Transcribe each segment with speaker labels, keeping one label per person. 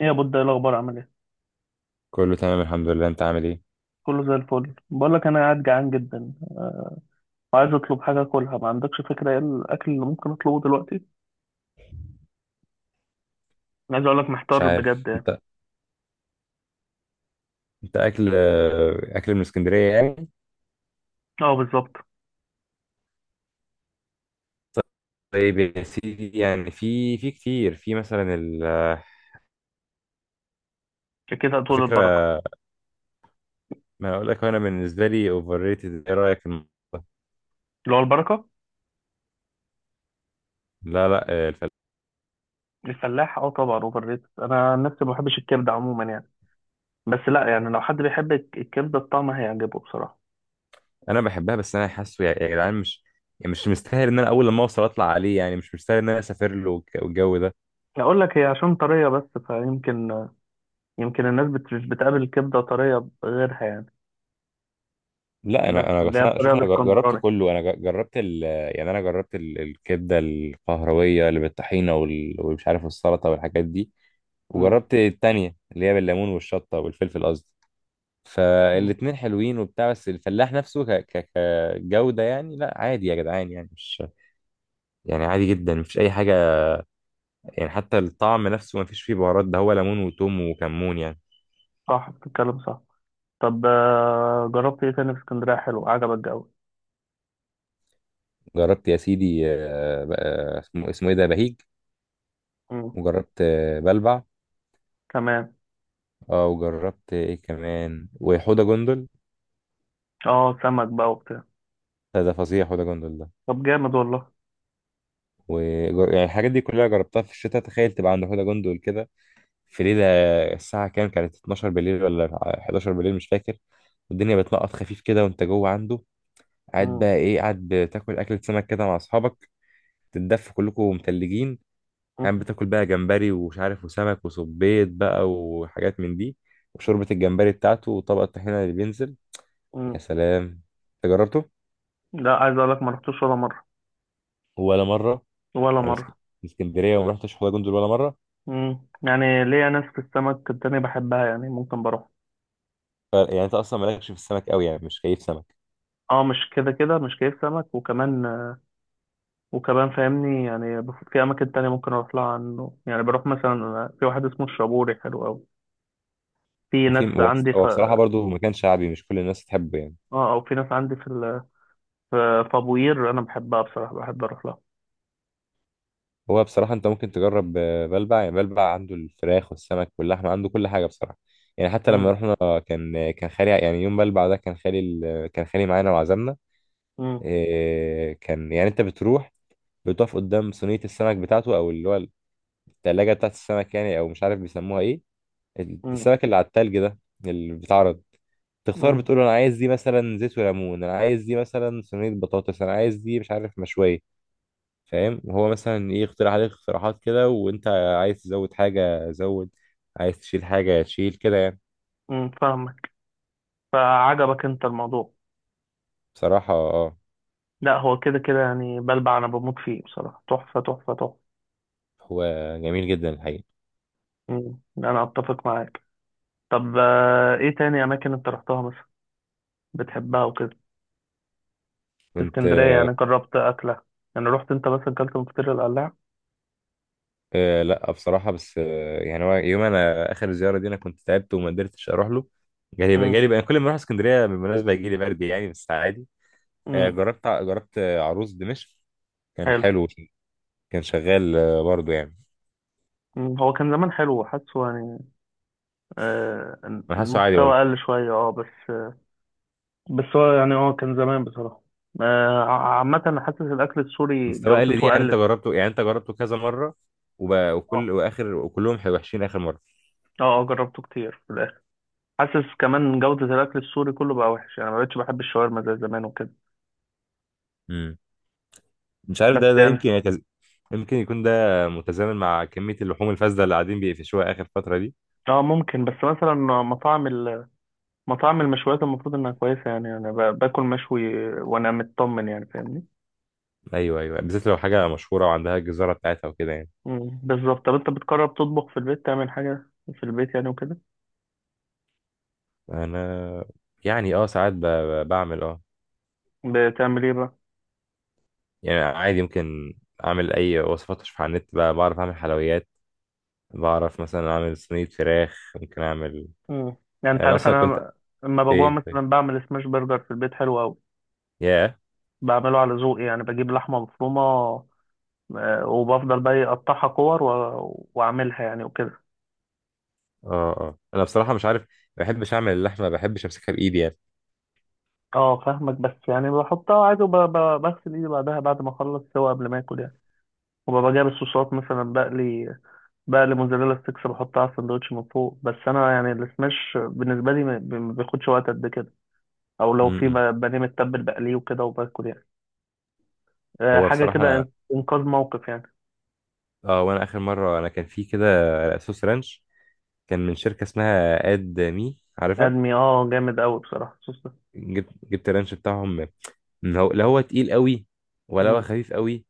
Speaker 1: ايه يا بود؟ ايه الاخبار؟ عامل ايه؟
Speaker 2: كله تمام، الحمد لله. انت عامل ايه؟
Speaker 1: كله زي الفل. بقول لك انا قاعد جعان جدا وعايز اطلب حاجه اكلها. ما عندكش فكره ايه الاكل اللي ممكن اطلبه دلوقتي؟ أنا عايز اقول لك
Speaker 2: مش
Speaker 1: محتار
Speaker 2: عارف
Speaker 1: بجد يعني.
Speaker 2: انت. انت اكل من اسكندريه يعني.
Speaker 1: اه، بالظبط.
Speaker 2: طيب يا سيدي، يعني في كتير، في مثلا
Speaker 1: كده
Speaker 2: على
Speaker 1: طول البركه.
Speaker 2: فكره. ما اقول لك، انا بالنسبه لي اوفر ريتد، ايه رايك في الموضوع ده؟
Speaker 1: اللي هو البركه.
Speaker 2: لا لا،
Speaker 1: الفلاح، اه طبعا اوفر ريتد. انا عن نفسي ما بحبش الكبده عموما يعني. بس لا يعني، لو حد بيحب الكبده الطعم هيعجبه بصراحه.
Speaker 2: انا بحبها، بس انا حاسه يا جدعان، مش يعني مش مستاهل ان انا اول لما اوصل اطلع عليه، يعني مش مستاهل ان انا اسافر له والجو ده.
Speaker 1: اقول لك هي عشان طريه بس فيمكن. يمكن الناس مش بتقابل الكبده طريه غيرها يعني.
Speaker 2: لا
Speaker 1: بس
Speaker 2: انا
Speaker 1: اللي
Speaker 2: بس
Speaker 1: هي
Speaker 2: انا
Speaker 1: الطريقه
Speaker 2: شوف، انا جربت
Speaker 1: الاسكندراني.
Speaker 2: كله، انا جربت ال. يعني انا جربت الكبده القهرويه اللي بالطحينه والمش عارف السلطه والحاجات دي.
Speaker 1: امم.
Speaker 2: وجربت التانية اللي هي بالليمون والشطة والفلفل قصدي.
Speaker 1: أمم.
Speaker 2: فالاتنين حلوين وبتاع، بس الفلاح نفسه كجودة يعني لا عادي يا جدعان، يعني مش يعني عادي جدا، مفيش أي حاجة. يعني حتى الطعم نفسه مفيش فيه بهارات، ده هو ليمون وتوم وكمون يعني.
Speaker 1: صح، بتتكلم صح. طب، جربت ايه تاني في اسكندرية؟ حلو، عجبك الجو؟
Speaker 2: جربت يا سيدي، اسمه ايه ده، بهيج.
Speaker 1: مم.
Speaker 2: وجربت بلبع.
Speaker 1: تمام.
Speaker 2: اه وجربت ايه كمان، وحوضة جندل.
Speaker 1: اه سمك بقى وبتاع.
Speaker 2: ده فظيع حوضة جندل ده.
Speaker 1: طب جامد والله.
Speaker 2: و، يعني الحاجات دي كلها جربتها في الشتاء. تخيل تبقى عند حوضة جندل كده في ليلة، الساعة كام كانت؟ 12 بالليل ولا 11 بالليل، مش فاكر. والدنيا بتنقط خفيف كده وانت جوه عنده، قاعد
Speaker 1: مم.
Speaker 2: بقى ايه، قاعد بتاكل أكلة سمك كده مع أصحابك، تتدفوا كلكم متلجين،
Speaker 1: مم.
Speaker 2: قاعد بتاكل بقى جمبري ومش عارف، وسمك وصبيط بقى وحاجات من دي، وشوربة الجمبري بتاعته وطبق الطحينة اللي بينزل. يا
Speaker 1: مم.
Speaker 2: سلام! انت جربته؟
Speaker 1: لا، عايز اقول لك ما رحتوش ولا مرة.
Speaker 2: ولا مرة،
Speaker 1: ولا
Speaker 2: يعني
Speaker 1: مرة.
Speaker 2: من اسكندرية وما رحتش حوض جندل ولا مرة.
Speaker 1: مم. يعني ليا ناس في السمك التانية بحبها يعني ممكن بروح.
Speaker 2: يعني انت أصلا مالكش في السمك قوي، يعني مش كيف سمك.
Speaker 1: اه، مش كده كده مش كيف سمك. وكمان وكمان فاهمني يعني في اماكن تانية ممكن اروح لها عنه. يعني بروح مثلا في واحد اسمه الشابوري حلو قوي. في
Speaker 2: وفي
Speaker 1: ناس
Speaker 2: هو
Speaker 1: عندي ف...
Speaker 2: هو بصراحة برضه مكان شعبي، مش كل الناس تحبه يعني.
Speaker 1: اه، او في ناس عندي في ابو قير انا بحبها بصراحة. بحب اروح لها.
Speaker 2: هو بصراحة أنت ممكن تجرب، بلبع، يعني بلبع عنده الفراخ والسمك واللحمة، عنده كل حاجة بصراحة. يعني حتى لما
Speaker 1: مم.
Speaker 2: رحنا كان، كان خالي، يعني يوم بلبع ده كان خالي كان خالي معانا وعزمنا.
Speaker 1: مم.
Speaker 2: كان يعني أنت بتروح، بتقف قدام صينية السمك بتاعته، أو اللي هو التلاجة بتاعت السمك يعني، أو مش عارف بيسموها إيه،
Speaker 1: مم.
Speaker 2: السمك اللي على التلج ده اللي بيتعرض. تختار،
Speaker 1: مم.
Speaker 2: بتقول له انا عايز دي مثلا زيت وليمون، انا عايز دي مثلا صينيه بطاطس، انا عايز دي مش عارف مشويه. فاهم؟ وهو مثلا ايه، يقترح عليك اقتراحات كده، وانت عايز تزود حاجة زود، عايز تشيل حاجة تشيل كده يعني.
Speaker 1: مم. فاهمك. فعجبك انت الموضوع؟
Speaker 2: بصراحة اه.
Speaker 1: لا، هو كده كده يعني بلبع انا بموت فيه بصراحة. تحفة، تحفة، تحفة.
Speaker 2: هو جميل جدا الحقيقة.
Speaker 1: مم. انا اتفق معاك. طب، ايه تاني اماكن انت رحتها مثلا بتحبها وكده؟ في
Speaker 2: كنت،
Speaker 1: اسكندرية يعني جربت اكلة؟ يعني رحت انت مثلا اكلت من فطير القلاع؟
Speaker 2: آه لا بصراحة، بس آه يعني هو يوم انا اخر زيارة دي انا كنت تعبت وما قدرتش اروح له. جالي
Speaker 1: مم.
Speaker 2: جالي بقى كل ما اروح اسكندرية بالمناسبة يجي لي برد، يعني بس عادي. آه
Speaker 1: مم.
Speaker 2: جربت جربت عروس دمشق، كان
Speaker 1: حلو.
Speaker 2: حلو. كان شغال آه برضه يعني.
Speaker 1: مم. هو كان زمان حلو حاسه يعني. آه،
Speaker 2: انا حاسه عادي
Speaker 1: المستوى
Speaker 2: برضه.
Speaker 1: قل شوية بس. بس هو يعني كان زمان بصراحة. عامة أنا حاسس الأكل السوري
Speaker 2: مستوى اقل دي،
Speaker 1: جودته
Speaker 2: يعني انت
Speaker 1: قلت.
Speaker 2: جربته، يعني انت جربته كذا مره وب...
Speaker 1: اه.
Speaker 2: وكل واخر وكلهم وحشين اخر مره.
Speaker 1: اه، اه، جربته كتير في الاخر. حاسس كمان جودة الاكل السوري كله بقى وحش يعني. ما بقتش بحب الشاورما زي زمان وكده.
Speaker 2: امم مش عارف،
Speaker 1: بس
Speaker 2: ده
Speaker 1: يعني
Speaker 2: يمكن يمكن يكون ده متزامن مع كميه اللحوم الفاسده اللي قاعدين بيقفشوها اخر فتره دي.
Speaker 1: اه ممكن، بس مثلا مطاعم ال- مطاعم المشويات المفروض انها كويسة. يعني انا باكل مشوي وانا مطمن يعني، فاهمني؟
Speaker 2: ايوه ايوه، بالذات لو حاجه مشهوره وعندها الجزاره بتاعتها وكده يعني.
Speaker 1: مم، بالظبط. طب انت بتقرب تطبخ في البيت، تعمل حاجة في البيت يعني وكده؟
Speaker 2: انا يعني اه ساعات بعمل اه،
Speaker 1: بتعمل ايه بقى؟
Speaker 2: يعني عادي، يمكن اعمل اي وصفات اشوفها على النت بقى، بعرف اعمل حلويات، بعرف مثلا اعمل صينيه فراخ، ممكن اعمل.
Speaker 1: مم. يعني انت
Speaker 2: انا
Speaker 1: عارف
Speaker 2: اصلا كنت،
Speaker 1: انا لما بجوع
Speaker 2: ايه طيب،
Speaker 1: مثلا بعمل سماش برجر في البيت حلو قوي.
Speaker 2: ياه.
Speaker 1: بعمله على ذوقي يعني. بجيب لحمة مفرومة وبفضل بقى اقطعها كور واعملها يعني وكده.
Speaker 2: اه انا بصراحه مش عارف، ما بحبش اعمل اللحمه، ما بحبش امسكها بايدي يعني.
Speaker 1: اه فاهمك، بس يعني بحطها عادي وبغسل ايدي بعدها بعد ما اخلص سوا قبل ما اكل يعني. وببقى جايب الصوصات مثلا. بقلي، بقلي موزاريلا ستيكس بحطها على السندوتش من فوق. بس انا يعني السماش بالنسبه لي ما بياخدش وقت قد كده. او لو في
Speaker 2: امم
Speaker 1: بانيه متبل بقليه وكده وباكل يعني.
Speaker 2: هو
Speaker 1: حاجه
Speaker 2: بصراحه
Speaker 1: كده
Speaker 2: انا،
Speaker 1: انقاذ موقف يعني.
Speaker 2: اه وانا اخر مره انا كان في كده صوص رانش، كان من شركه اسمها اد مي، عارفها.
Speaker 1: ادمي، اه، جامد قوي بصراحه الصوص ده.
Speaker 2: جبت الرانش بتاعهم، من، هو لا هو تقيل قوي ولا هو
Speaker 1: مم،
Speaker 2: خفيف قوي،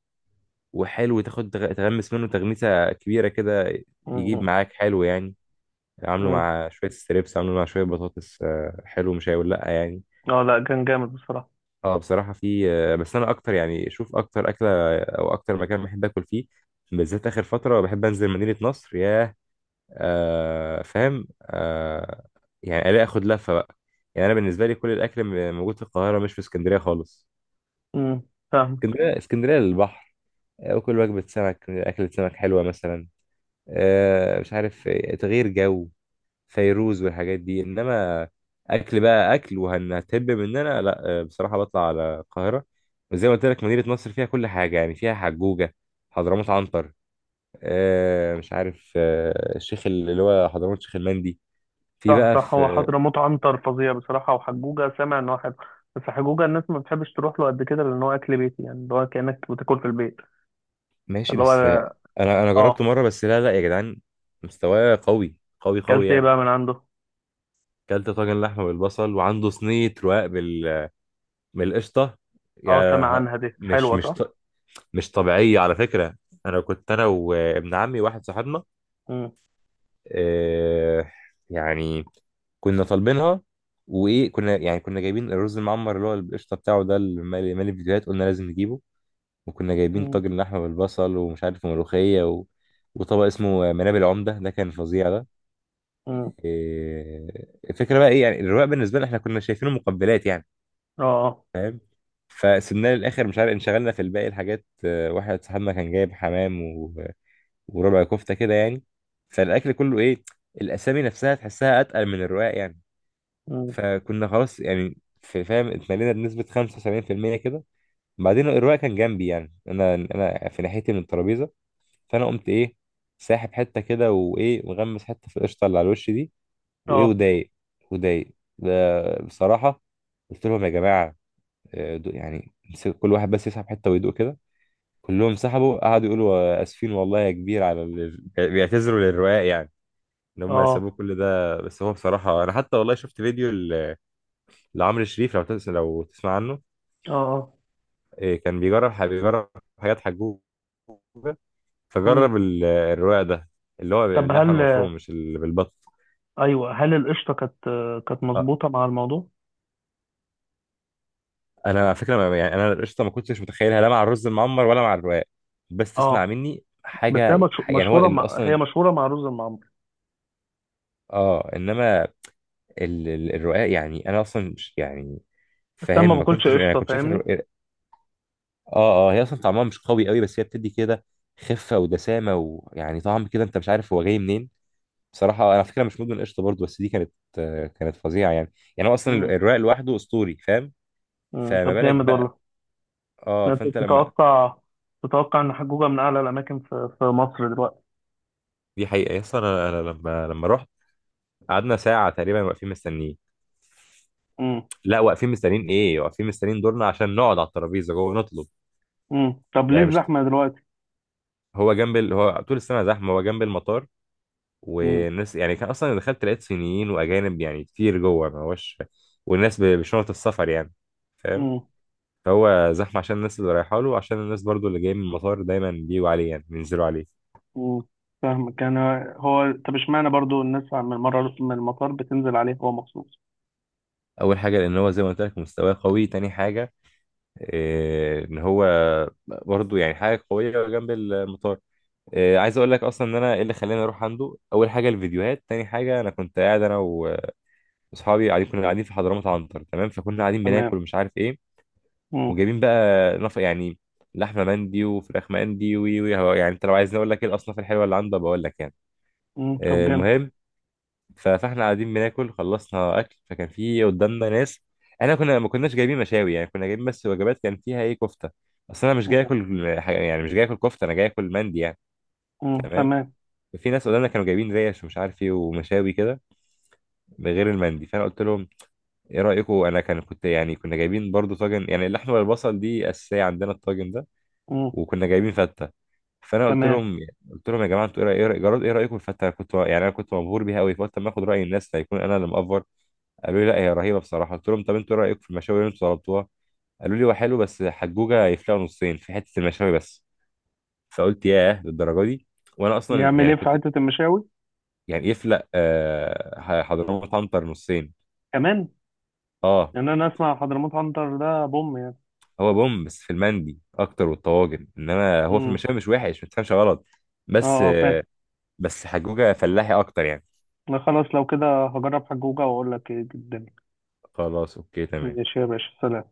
Speaker 2: وحلو، تاخد تغمس منه تغميسه كبيره كده،
Speaker 1: مم،
Speaker 2: يجيب
Speaker 1: مم،
Speaker 2: معاك حلو يعني. عامله
Speaker 1: مم.
Speaker 2: مع شويه ستريبس، عامله مع شويه بطاطس، حلو مش هيقول لا يعني.
Speaker 1: اه لا، كان جامد بصراحه.
Speaker 2: اه بصراحة في بس أنا أكتر، يعني شوف أكتر أكلة أو أكتر مكان بحب آكل فيه بالذات آخر فترة، بحب أنزل مدينة نصر. ياه. آه فاهم آه. يعني ألاقي آخد لفة بقى. يعني أنا بالنسبة لي كل الأكل موجود في القاهرة، مش في اسكندرية خالص.
Speaker 1: امم. فاهم.
Speaker 2: اسكندرية، اسكندرية للبحر، وكل وجبة سمك، أكلة سمك حلوة مثلا، آه مش عارف، تغيير جو، فيروز والحاجات دي. انما اكل بقى، اكل وهنهتب مننا لا، بصراحه بطلع على القاهره. وزي ما قلت لك مدينه نصر فيها كل حاجه، يعني فيها حجوجه، حضرموت عنتر، آه مش عارف، آه الشيخ اللي هو حضرموت شيخ المندي. في
Speaker 1: صح،
Speaker 2: بقى
Speaker 1: صح، هو
Speaker 2: في.
Speaker 1: حضرموت عنتر فظيع بصراحة. وحجوجة سامع إن هو حلو، بس حجوجة الناس ما بتحبش تروح له قد كده لأن هو أكل بيتي يعني اللي هو كأنك بتاكل في البيت.
Speaker 2: ماشي،
Speaker 1: اللي
Speaker 2: بس
Speaker 1: هو
Speaker 2: انا
Speaker 1: آه.
Speaker 2: جربته مره، بس لا لا يا جدعان، مستواه قوي قوي قوي
Speaker 1: أكلت إيه
Speaker 2: يعني.
Speaker 1: بقى من عنده؟
Speaker 2: كلت طاجن لحمه بالبصل، وعنده صينيه رقاق بال، بالقشطه
Speaker 1: آه سامع
Speaker 2: يعني.
Speaker 1: عنها، دي
Speaker 2: مش
Speaker 1: حلوة
Speaker 2: مش
Speaker 1: صح؟
Speaker 2: مش طبيعية على فكرة. أنا كنت أنا وابن عمي واحد صاحبنا،
Speaker 1: مم.
Speaker 2: آه، يعني كنا طالبينها، وإيه كنا يعني كنا جايبين الرز المعمر، اللي هو القشطة بتاعه ده اللي مالي فيديوهات، قلنا لازم نجيبه. وكنا جايبين
Speaker 1: مم.
Speaker 2: طاجن لحمة بالبصل، ومش عارف ملوخية و، وطبق اسمه منابل العمدة، ده كان فظيع ده.
Speaker 1: مم.
Speaker 2: آه، الفكرة بقى إيه، يعني الرواق بالنسبة لنا إحنا كنا شايفينه مقبلات يعني،
Speaker 1: آه، آه.
Speaker 2: فاهم. فسبناه للآخر، مش عارف انشغلنا في الباقي الحاجات، واحد صاحبنا كان جايب حمام وربع كفته كده يعني. فالاكل كله ايه، الاسامي نفسها تحسها اتقل من الرقاق يعني.
Speaker 1: مم.
Speaker 2: فكنا خلاص يعني في فاهم اتملينا بنسبه 75% كده. بعدين الرقاق كان جنبي، يعني انا في ناحيتي من الترابيزه، فانا قمت ايه ساحب حته كده، وايه مغمس حته في القشطه اللي على الوش دي، وايه
Speaker 1: آه،
Speaker 2: ودايق ده بصراحه. قلت لهم يا جماعه، يعني امسكوا كل واحد بس يسحب حته ويدوق كده. كلهم سحبوا قعدوا يقولوا اسفين والله يا كبير على اللي، بيعتذروا للرقاق يعني، ان هم
Speaker 1: آه،
Speaker 2: يسابوه كل ده. بس هو بصراحه انا حتى والله شفت فيديو لعمرو شريف، لو لو تسمع عنه.
Speaker 1: آه، آه.
Speaker 2: كان بيجرب بيجرب حاجات حجوجه،
Speaker 1: مم.
Speaker 2: فجرب الرواق ده اللي هو
Speaker 1: طب
Speaker 2: باللحمه
Speaker 1: هل
Speaker 2: المفرومه، مش اللي بالبط.
Speaker 1: أيوه هل القشطة كانت
Speaker 2: آه،
Speaker 1: مظبوطة مع الموضوع؟
Speaker 2: انا على فكره يعني انا القشطه ما كنتش متخيلها لا مع الرز المعمر ولا مع الرواق. بس تسمع
Speaker 1: آه.
Speaker 2: مني
Speaker 1: بس هي
Speaker 2: حاجه، يعني هو اصلا،
Speaker 1: مشهورة مع رز المعمر.
Speaker 2: اه انما الرقاق يعني انا اصلا يعني
Speaker 1: بس أنا
Speaker 2: فاهم
Speaker 1: ما
Speaker 2: ما
Speaker 1: باكلش
Speaker 2: كنتش يعني
Speaker 1: قشطة،
Speaker 2: كنت شايف.
Speaker 1: فاهمني؟
Speaker 2: اه اه هي اصلا طعمها مش قوي قوي، بس هي بتدي كده خفه ودسامه، ويعني طعم كده انت مش عارف هو جاي منين. بصراحه انا على فكره مش مدمن قشطه برضه، بس دي كانت كانت فظيعه يعني. يعني هو اصلا
Speaker 1: مم.
Speaker 2: الرق لوحده اسطوري فاهم.
Speaker 1: مم.
Speaker 2: فما
Speaker 1: طب
Speaker 2: بالك
Speaker 1: جامد
Speaker 2: بقى.
Speaker 1: والله.
Speaker 2: اه
Speaker 1: انت
Speaker 2: فانت لما
Speaker 1: تتوقع ان حجوجة من اعلى الاماكن في مصر دلوقتي.
Speaker 2: دي حقيقه اصلا انا، أنا لما رحت قعدنا ساعه تقريبا واقفين مستنيين،
Speaker 1: امم.
Speaker 2: لا واقفين مستنيين ايه، واقفين مستنيين دورنا عشان نقعد على الترابيزه جوه نطلب.
Speaker 1: امم، طب ليه
Speaker 2: يعني مش
Speaker 1: الزحمة دلوقتي؟
Speaker 2: هو جنب هو طول السنه زحمه، هو جنب المطار.
Speaker 1: امم.
Speaker 2: والناس، يعني كان اصلا دخلت لقيت صينيين واجانب يعني كتير جوه، ما هوش. والناس بشنط السفر يعني، فاهم.
Speaker 1: امم.
Speaker 2: فهو زحمه عشان الناس اللي رايحه له، وعشان الناس برضو اللي جايه من المطار دايما بيجوا عليه يعني بينزلوا عليه.
Speaker 1: امم، فاهمك كان. هو طب اشمعنى برضو الناس من المطار بتنزل عليه هو مخصوص؟
Speaker 2: اول حاجه لان هو زي ما قلت لك مستواه قوي. تاني حاجه إيه، ان هو برضو يعني حاجه قويه جنب المطار. إيه، عايز اقول لك اصلا ان انا ايه اللي خلاني اروح عنده، اول حاجه الفيديوهات، تاني حاجه انا كنت قاعد انا واصحابي قاعدين كنا قاعدين في حضرموت عنتر تمام، فكنا قاعدين
Speaker 1: تمام.
Speaker 2: بناكل ومش عارف ايه،
Speaker 1: امم.
Speaker 2: وجايبين بقى يعني لحمه مندي وفراخ مندي، وي وي يعني انت لو عايزني اقول لك ايه الاصناف الحلوه اللي عنده بقول لك يعني.
Speaker 1: امم، طب جامد.
Speaker 2: المهم، فاحنا قاعدين بناكل، خلصنا اكل، فكان في قدامنا ناس. احنا كنا ما كناش جايبين مشاوي، يعني كنا جايبين بس وجبات كان فيها ايه كفته، اصل انا مش جاي اكل حاجة، يعني مش جاي اكل كفته، انا جاي اكل مندي يعني.
Speaker 1: امم،
Speaker 2: تمام.
Speaker 1: تمام.
Speaker 2: في ناس قدامنا كانوا جايبين ريش ومش عارف ايه ومشاوي كده غير المندي. فانا قلت لهم ايه رايكم، انا كان كنت يعني كنا جايبين برضو طاجن، يعني اللحمه والبصل دي اساسيه عندنا الطاجن ده،
Speaker 1: امم،
Speaker 2: وكنا جايبين فته. فانا قلت
Speaker 1: تمام.
Speaker 2: لهم، قلت لهم يا جماعه انتوا ايه إيه جراد ايه رايكم في الفته، انا كنت يعني انا كنت مبهور بيها قوي، فقلت اما اخد راي الناس هيكون انا اللي مقفر. قالوا لي لا هي رهيبه بصراحه. قلت لهم طب انتوا ايه رايكم في المشاوي اللي انتوا طلبتوها؟ قالوا لي هو حلو، بس حجوجه يفلقوا نصين في حته المشاوي بس. فقلت ياه للدرجه دي. وانا اصلا
Speaker 1: يعمل
Speaker 2: يعني
Speaker 1: ايه في
Speaker 2: كنت.
Speaker 1: حتة المشاوي؟
Speaker 2: يعني يفلق، حضرموت عنتر نصين.
Speaker 1: كمان؟
Speaker 2: اه.
Speaker 1: يعني انا اسمع حضرموت عنتر ده بوم يعني.
Speaker 2: هو بوم بس في المندي اكتر والطواجن، انما هو في
Speaker 1: امم.
Speaker 2: المشاوي مش وحش، ما تفهمش غلط.
Speaker 1: اه،
Speaker 2: بس
Speaker 1: اه، فاهم.
Speaker 2: بس حجوجه فلاحي اكتر يعني.
Speaker 1: لا خلاص، لو كده هجرب حجوجة واقول لك ايه الدنيا.
Speaker 2: خلاص اوكي تمام.
Speaker 1: ماشي يا باشا، سلام.